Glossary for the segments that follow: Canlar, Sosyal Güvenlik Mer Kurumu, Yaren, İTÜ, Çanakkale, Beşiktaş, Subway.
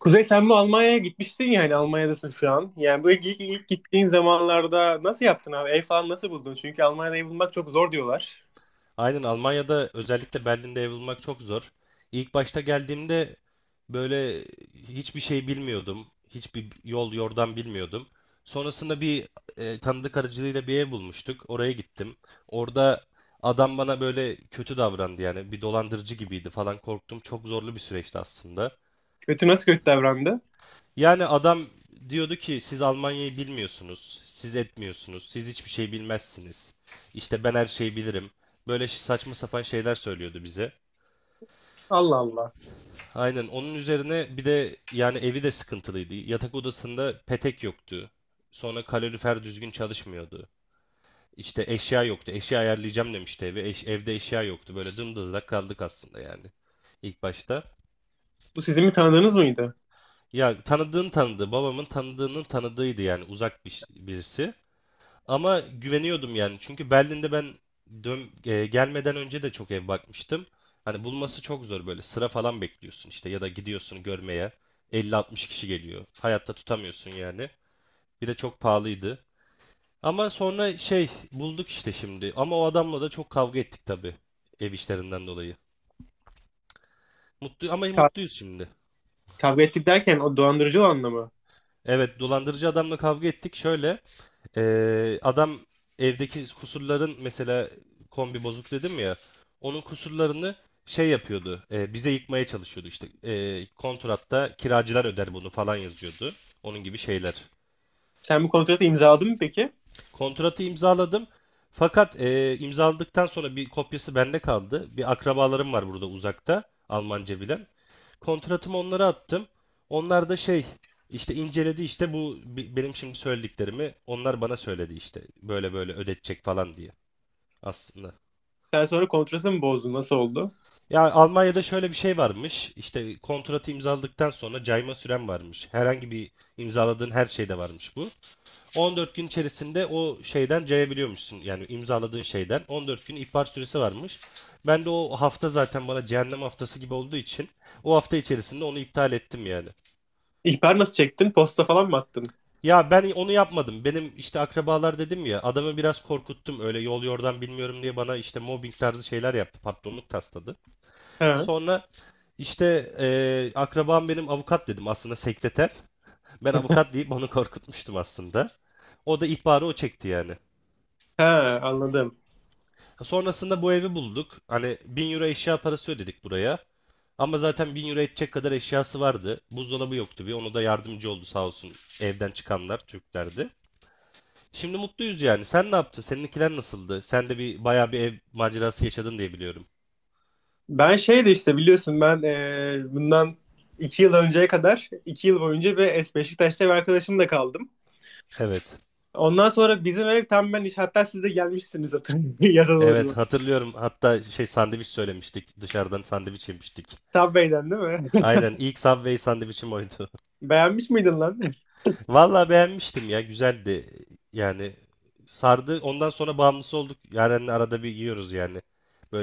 Kuzey, sen bu Almanya'ya gitmiştin ya, hani Almanya'dasın şu an. Yani bu ilk gittiğin zamanlarda nasıl yaptın abi? Ev falan nasıl buldun? Çünkü Almanya'da ev bulmak çok zor diyorlar. Aynen Almanya'da özellikle Berlin'de ev bulmak çok zor. İlk başta geldiğimde böyle hiçbir şey bilmiyordum. Hiçbir yol yordan bilmiyordum. Sonrasında bir tanıdık aracılığıyla bir ev bulmuştuk. Oraya gittim. Orada adam bana böyle kötü davrandı, yani bir dolandırıcı gibiydi falan, korktum. Çok zorlu bir süreçti aslında. Kötü, nasıl kötü davrandı? Yani adam diyordu ki siz Almanya'yı bilmiyorsunuz, siz etmiyorsunuz, siz hiçbir şey bilmezsiniz. İşte ben her şeyi bilirim. Böyle saçma sapan şeyler söylüyordu bize. Allah Allah. Aynen, onun üzerine bir de yani evi de sıkıntılıydı. Yatak odasında petek yoktu. Sonra kalorifer düzgün çalışmıyordu. İşte eşya yoktu. Eşya ayarlayacağım demişti eve. Evde eşya yoktu. Böyle dımdızlak kaldık aslında yani ilk başta. Bu sizin mi tanıdığınız mıydı? Ya, tanıdığın tanıdığı, babamın tanıdığının tanıdığıydı, yani uzak birisi. Ama güveniyordum yani. Çünkü Berlin'de ben gelmeden önce de çok ev bakmıştım. Hani bulması çok zor böyle. Sıra falan bekliyorsun işte, ya da gidiyorsun görmeye. 50-60 kişi geliyor. Hayatta tutamıyorsun yani. Bir de çok pahalıydı. Ama sonra şey bulduk işte, şimdi. Ama o adamla da çok kavga ettik tabii. Ev işlerinden dolayı. Mutlu, ama Ka- mutluyuz şimdi. Kavga ettik derken o dolandırıcı olanla mı? Evet, dolandırıcı adamla kavga ettik. Şöyle. Adam evdeki kusurların, mesela kombi bozuk dedim ya, onun kusurlarını şey yapıyordu, bize yıkmaya çalışıyordu, işte kontratta kiracılar öder bunu falan yazıyordu, onun gibi şeyler. Sen bu kontratı imzaladın mı peki? Kontratı imzaladım, fakat imzaladıktan sonra bir kopyası bende kaldı. Bir akrabalarım var burada, uzakta, Almanca bilen. Kontratımı onlara attım, onlar da şey, işte inceledi. İşte bu benim şimdi söylediklerimi onlar bana söyledi, işte böyle böyle ödetecek falan diye, aslında. Sen sonra kontratı mı bozdun? Nasıl oldu? Ya, Almanya'da şöyle bir şey varmış. İşte kontratı imzaladıktan sonra cayma süren varmış. Herhangi bir imzaladığın her şeyde varmış bu. 14 gün içerisinde o şeyden cayabiliyormuşsun. Yani imzaladığın şeyden 14 gün ihbar süresi varmış. Ben de o hafta zaten bana cehennem haftası gibi olduğu için, o hafta içerisinde onu iptal ettim yani. İhbar nasıl çektin? Posta falan mı attın? Ya, ben onu yapmadım. Benim işte akrabalar dedim ya, adamı biraz korkuttum. Öyle yol yordan bilmiyorum diye, bana işte mobbing tarzı şeyler yaptı. Patronluk tasladı. Ha, Sonra İşte akrabam benim avukat dedim, aslında sekreter. Ben avukat deyip onu korkutmuştum aslında. O da ihbarı o çekti yani. ha, anladım. Sonrasında bu evi bulduk. Hani 1.000 euro eşya parası ödedik buraya. Ama zaten 1.000 euro edecek kadar eşyası vardı. Buzdolabı yoktu bir. Onu da yardımcı oldu sağ olsun, evden çıkanlar Türklerdi. Şimdi mutluyuz yani. Sen ne yaptın? Seninkiler nasıldı? Sen de bir bayağı bir ev macerası yaşadın diye biliyorum. Ben şeydi işte, biliyorsun, ben bundan 2 yıl önceye kadar 2 yıl boyunca bir Beşiktaş'ta bir arkadaşımla kaldım. Evet. Ondan sonra bizim ev tam ben iş, hatta siz de gelmişsiniz hatırlıyorum yaza Evet, doğru. hatırlıyorum. Hatta şey, sandviç söylemiştik. Dışarıdan sandviç yemiştik. Subway'den değil mi? Aynen, ilk Subway sandviçim oydu. Beğenmiş miydin lan? Vallahi beğenmiştim ya, güzeldi. Yani sardı. Ondan sonra bağımlısı olduk. Yaren'le arada bir yiyoruz yani.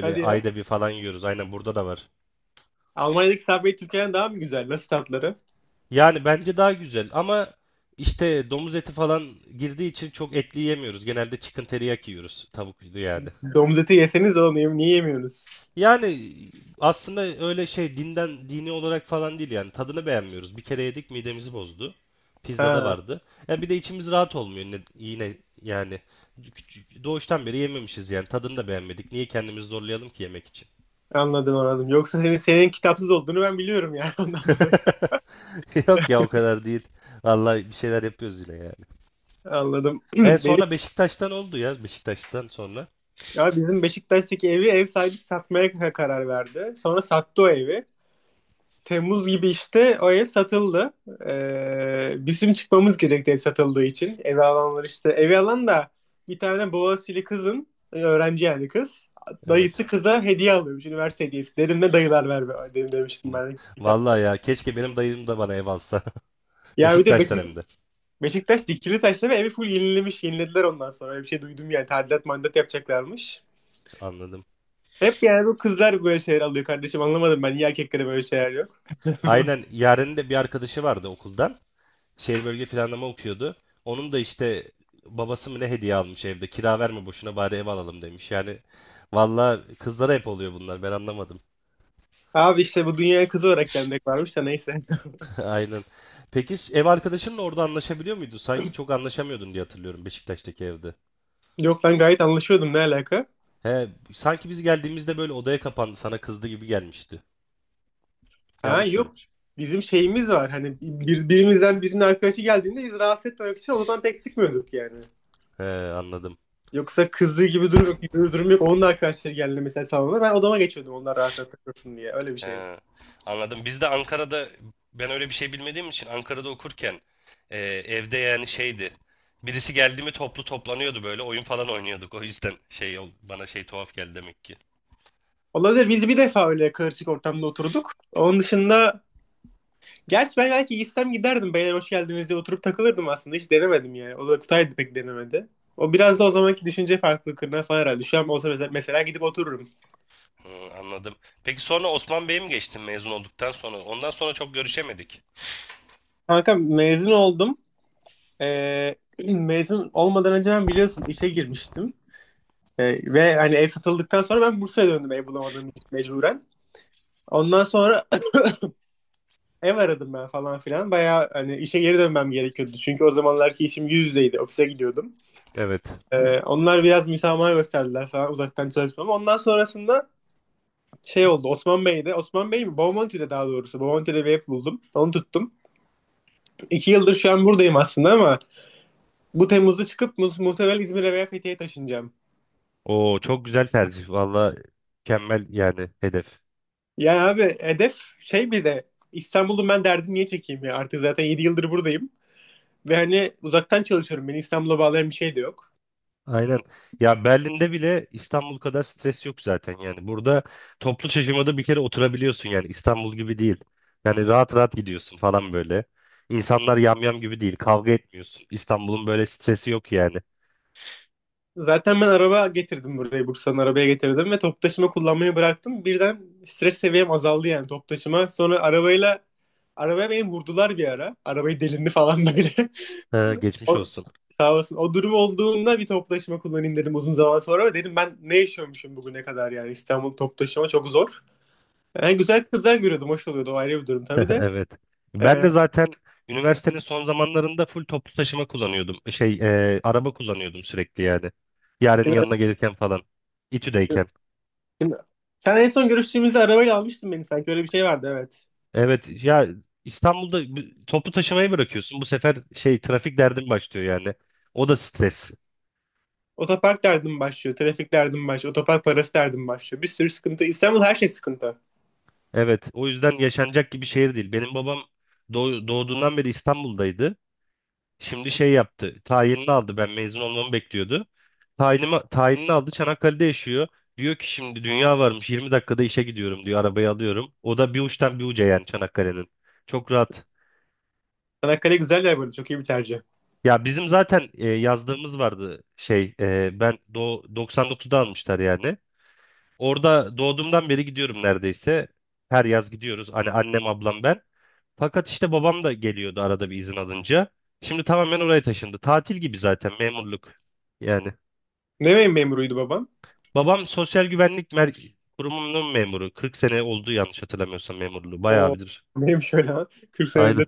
Hadi ayda ya. bir falan yiyoruz. Aynen, burada da var. Almanya'daki Subway Türkiye'den daha mı güzel? Nasıl tatları? Yani bence daha güzel, ama işte domuz eti falan girdiği için çok etli yemiyoruz. Genelde chicken teriyaki yiyoruz. Tavuk yani. Domuz eti yeseniz oğlum, niye yemiyorsunuz? Yani aslında öyle şey, dini olarak falan değil, yani tadını beğenmiyoruz. Bir kere yedik, midemizi bozdu. Pizzada Ha, vardı. Ya bir de içimiz rahat olmuyor, yine yani, doğuştan beri yememişiz, yani tadını da beğenmedik. Niye kendimizi zorlayalım ki yemek için? anladım. Yoksa senin kitapsız olduğunu ben biliyorum yani ondan dolayı. Yok ya, o kadar değil. Vallahi bir şeyler yapıyoruz yine yani. Anladım. Benim, Sonra Beşiktaş'tan oldu ya, Beşiktaş'tan sonra. ya, bizim Beşiktaş'taki evi ev sahibi satmaya karar verdi. Sonra sattı o evi. Temmuz gibi işte o ev satıldı. Bizim çıkmamız gerekti ev satıldığı için. Evi alanlar işte. Evi alan da bir tane Boğaziçi'li kızın, e, öğrenci yani kız. Evet. Dayısı kıza hediye alıyormuş, üniversite hediyesi. Dedim ne dayılar ver be, dedim, demiştim ben. Vallahi ya, keşke benim dayım da bana ev alsa. Ya bir de Beşiktaş'tan hem de. Beşiktaş dikili taşla ve evi full yenilemiş, yenilediler ondan sonra. Öyle bir şey duydum yani, tadilat mandat yapacaklarmış. Anladım. Hep yani bu kızlar böyle şeyler alıyor kardeşim, anlamadım ben, niye erkeklere böyle şeyler yok. Aynen, Yaren'in de bir arkadaşı vardı okuldan. Şehir bölge planlama okuyordu. Onun da işte babası mı ne, hediye almış evde. Kira verme boşuna, bari ev alalım demiş. Yani valla kızlara hep oluyor bunlar, ben anlamadım. Abi işte bu dünyaya kızı olarak gelmek varmış da neyse. Aynen. Peki, ev arkadaşınla orada anlaşabiliyor muydu? Sanki çok anlaşamıyordun diye hatırlıyorum, Beşiktaş'taki evde. Yok lan, gayet anlaşıyordum, ne alaka? He, sanki biz geldiğimizde böyle odaya kapandı, sana kızdı gibi gelmişti. Ha, Yanlış yok. görmüşüm. Bizim şeyimiz var. Hani birimizden birinin arkadaşı geldiğinde biz rahatsız etmemek için odadan pek çıkmıyorduk yani. He, anladım. Yoksa kızdığı gibi durum yok, gibi bir durum yok. Onun da arkadaşları geldi mesela salona. Ben odama geçiyordum onlar rahat rahat takılsın diye. Öyle bir şey. He, anladım. Biz de Ankara'da, ben öyle bir şey bilmediğim için, Ankara'da okurken evde yani şeydi. Birisi geldi mi, toplanıyordu, böyle oyun falan oynuyorduk. O yüzden şey, bana şey tuhaf geldi demek ki. Olabilir. Biz bir defa öyle karışık ortamda oturduk. Onun dışında, gerçi ben belki gitsem giderdim. Beyler hoş geldiniz diye oturup takılırdım aslında. Hiç denemedim yani. O da Kutay da pek denemedi. O biraz da o He, zamanki düşünce farklılıklarına falan herhalde. Şu an olsa mesela, gidip otururum. hı, anladım. Peki sonra Osman Bey'e mi geçtin mezun olduktan sonra? Ondan sonra çok görüşemedik. Kanka mezun oldum. Ee, Mezun olmadan önce ben, biliyorsun, işe girmiştim. Ve hani ev satıldıktan sonra ben Bursa'ya döndüm ev bulamadığım için mecburen. Ondan sonra ev aradım ben falan filan. Bayağı hani işe geri dönmem gerekiyordu. Çünkü o zamanlarki işim yüz yüzeydi. Ofise gidiyordum. Evet. Onlar biraz müsamaha gösterdiler falan uzaktan çalışmama. Ondan sonrasında şey oldu. Osman Bey'de. Osman Bey mi? Bomonti'de daha doğrusu. Bomonti'de bir ev buldum. Onu tuttum. 2 yıldır şu an buradayım aslında, ama bu Temmuz'da çıkıp muhtemelen İzmir'e veya Fethiye'ye taşınacağım. O çok güzel tercih. Valla mükemmel yani, hedef. Yani abi hedef şey, bir de İstanbul'un ben derdini niye çekeyim ya? Artık zaten 7 yıldır buradayım. Ve hani uzaktan çalışıyorum. Beni İstanbul'a bağlayan bir şey de yok. Aynen. Ya, Berlin'de bile İstanbul kadar stres yok zaten yani. Burada toplu taşımada bir kere oturabiliyorsun yani, İstanbul gibi değil. Yani rahat rahat gidiyorsun falan böyle. İnsanlar yamyam gibi değil. Kavga etmiyorsun. İstanbul'un böyle stresi yok yani. Zaten ben araba getirdim buraya. Bursa'nın arabaya getirdim ve top taşıma kullanmayı bıraktım. Birden stres seviyem azaldı yani, top taşıma. Sonra arabaya beni vurdular bir ara. Arabayı delindi falan böyle. Ha, geçmiş O, olsun. sağ olsun. O durum olduğunda bir top taşıma kullanayım dedim uzun zaman sonra. Ve dedim ben ne yaşıyormuşum bugüne kadar yani, İstanbul top taşıma çok zor. Yani güzel kızlar görüyordum. Hoş oluyordu. O ayrı bir durum tabii de. Evet. Ben Ee, de zaten üniversitenin son zamanlarında full toplu taşıma kullanıyordum. Şey, araba kullanıyordum sürekli yani. Yarenin seni ara- yanına gelirken falan. İTÜ'deyken. seni- sen en son görüştüğümüzde arabayla almıştın beni sanki. Öyle bir şey vardı, evet. Evet ya, İstanbul'da topu taşımayı bırakıyorsun. Bu sefer şey, trafik derdin başlıyor yani. O da stres. Otopark derdim başlıyor. Trafik derdim başlıyor. Otopark parası derdim başlıyor. Bir sürü sıkıntı. İstanbul her şey sıkıntı. Evet, o yüzden yaşanacak gibi şehir değil. Benim babam doğduğundan beri İstanbul'daydı. Şimdi şey yaptı. Tayinini aldı. Ben mezun olmamı bekliyordu. Tayinini aldı. Çanakkale'de yaşıyor. Diyor ki şimdi dünya varmış. 20 dakikada işe gidiyorum diyor. Arabayı alıyorum. O da bir uçtan bir uca, yani Çanakkale'nin. Çok rahat. Çanakkale güzel yer böyle. Çok iyi bir tercih. Ya, bizim zaten yazdığımız vardı şey, e, ben do 99'da almışlar yani. Orada doğduğumdan beri gidiyorum neredeyse. Her yaz gidiyoruz. Hani annem, ablam, ben. Fakat işte babam da geliyordu arada bir izin alınca. Şimdi tamamen oraya taşındı. Tatil gibi zaten memurluk. Yani Ne memuruydu babam? babam Sosyal Güvenlik Kurumu'nun memuru. 40 sene oldu, yanlış hatırlamıyorsam memurluğu. Bayağı O bilir. neymiş öyle ha? 40 Aynen. senedir.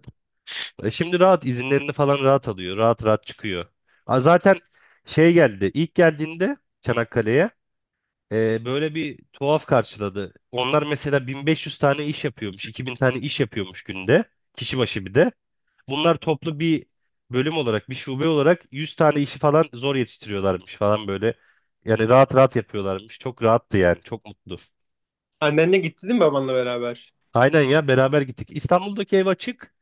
Şimdi rahat izinlerini falan rahat alıyor. Rahat rahat çıkıyor. Zaten şey geldi. İlk geldiğinde Çanakkale'ye, böyle bir tuhaf karşıladı. Onlar mesela 1500 tane iş yapıyormuş, 2000 tane iş yapıyormuş günde, kişi başı bir de. Bunlar toplu bir bölüm olarak, bir şube olarak 100 tane işi falan zor yetiştiriyorlarmış falan böyle. Yani rahat rahat yapıyorlarmış. Çok rahattı yani, çok mutlu. Annenle gitti değil mi, babanla beraber? Aynen ya, beraber gittik. İstanbul'daki ev açık,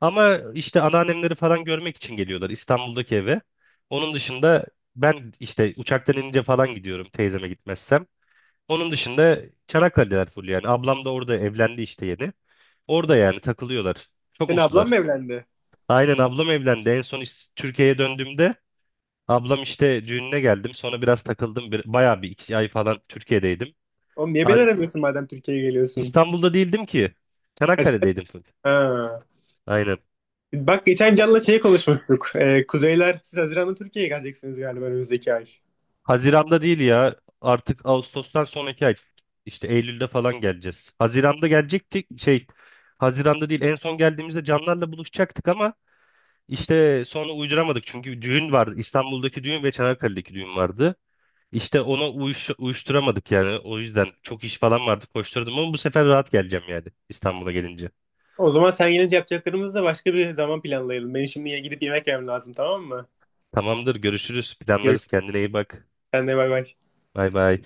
ama işte anneannemleri falan görmek için geliyorlar İstanbul'daki eve. Onun dışında ben işte uçaktan inince falan gidiyorum teyzeme, gitmezsem. Onun dışında Çanakkale'deler full yani. Ablam da orada evlendi işte, yeni. Orada yani takılıyorlar. Çok Senin ablan mutlular. mı evlendi? Aynen, ablam evlendi. En son Türkiye'ye döndüğümde ablam işte düğününe geldim. Sonra biraz takıldım. Bayağı bir iki ay falan Türkiye'deydim. Oğlum niye beni An aramıyorsun madem Türkiye'ye geliyorsun? İstanbul'da değildim ki. Kaç- Çanakkale'deydim full. Ha. Aynen. Bak geçen Can'la şey konuşmuştuk. Kuzeyler siz Haziran'da Türkiye'ye geleceksiniz galiba, önümüzdeki ay. Haziran'da değil ya. Artık Ağustos'tan sonraki ay. İşte Eylül'de falan geleceğiz. Haziran'da gelecektik. Şey, Haziran'da değil. En son geldiğimizde Canlar'la buluşacaktık, ama İşte sonra uyduramadık, çünkü düğün vardı. İstanbul'daki düğün ve Çanakkale'deki düğün vardı. İşte ona uyuşturamadık yani. O yüzden çok iş falan vardı, koşturdum, ama bu sefer rahat geleceğim yani, İstanbul'a gelince. O zaman sen gelince yapacaklarımızı da başka bir zaman planlayalım. Benim şimdi gidip yemek yemem lazım, tamam mı? Tamamdır, görüşürüz, Görüşürüz. planlarız, kendine iyi bak. Sen de bay bay. Bay bay.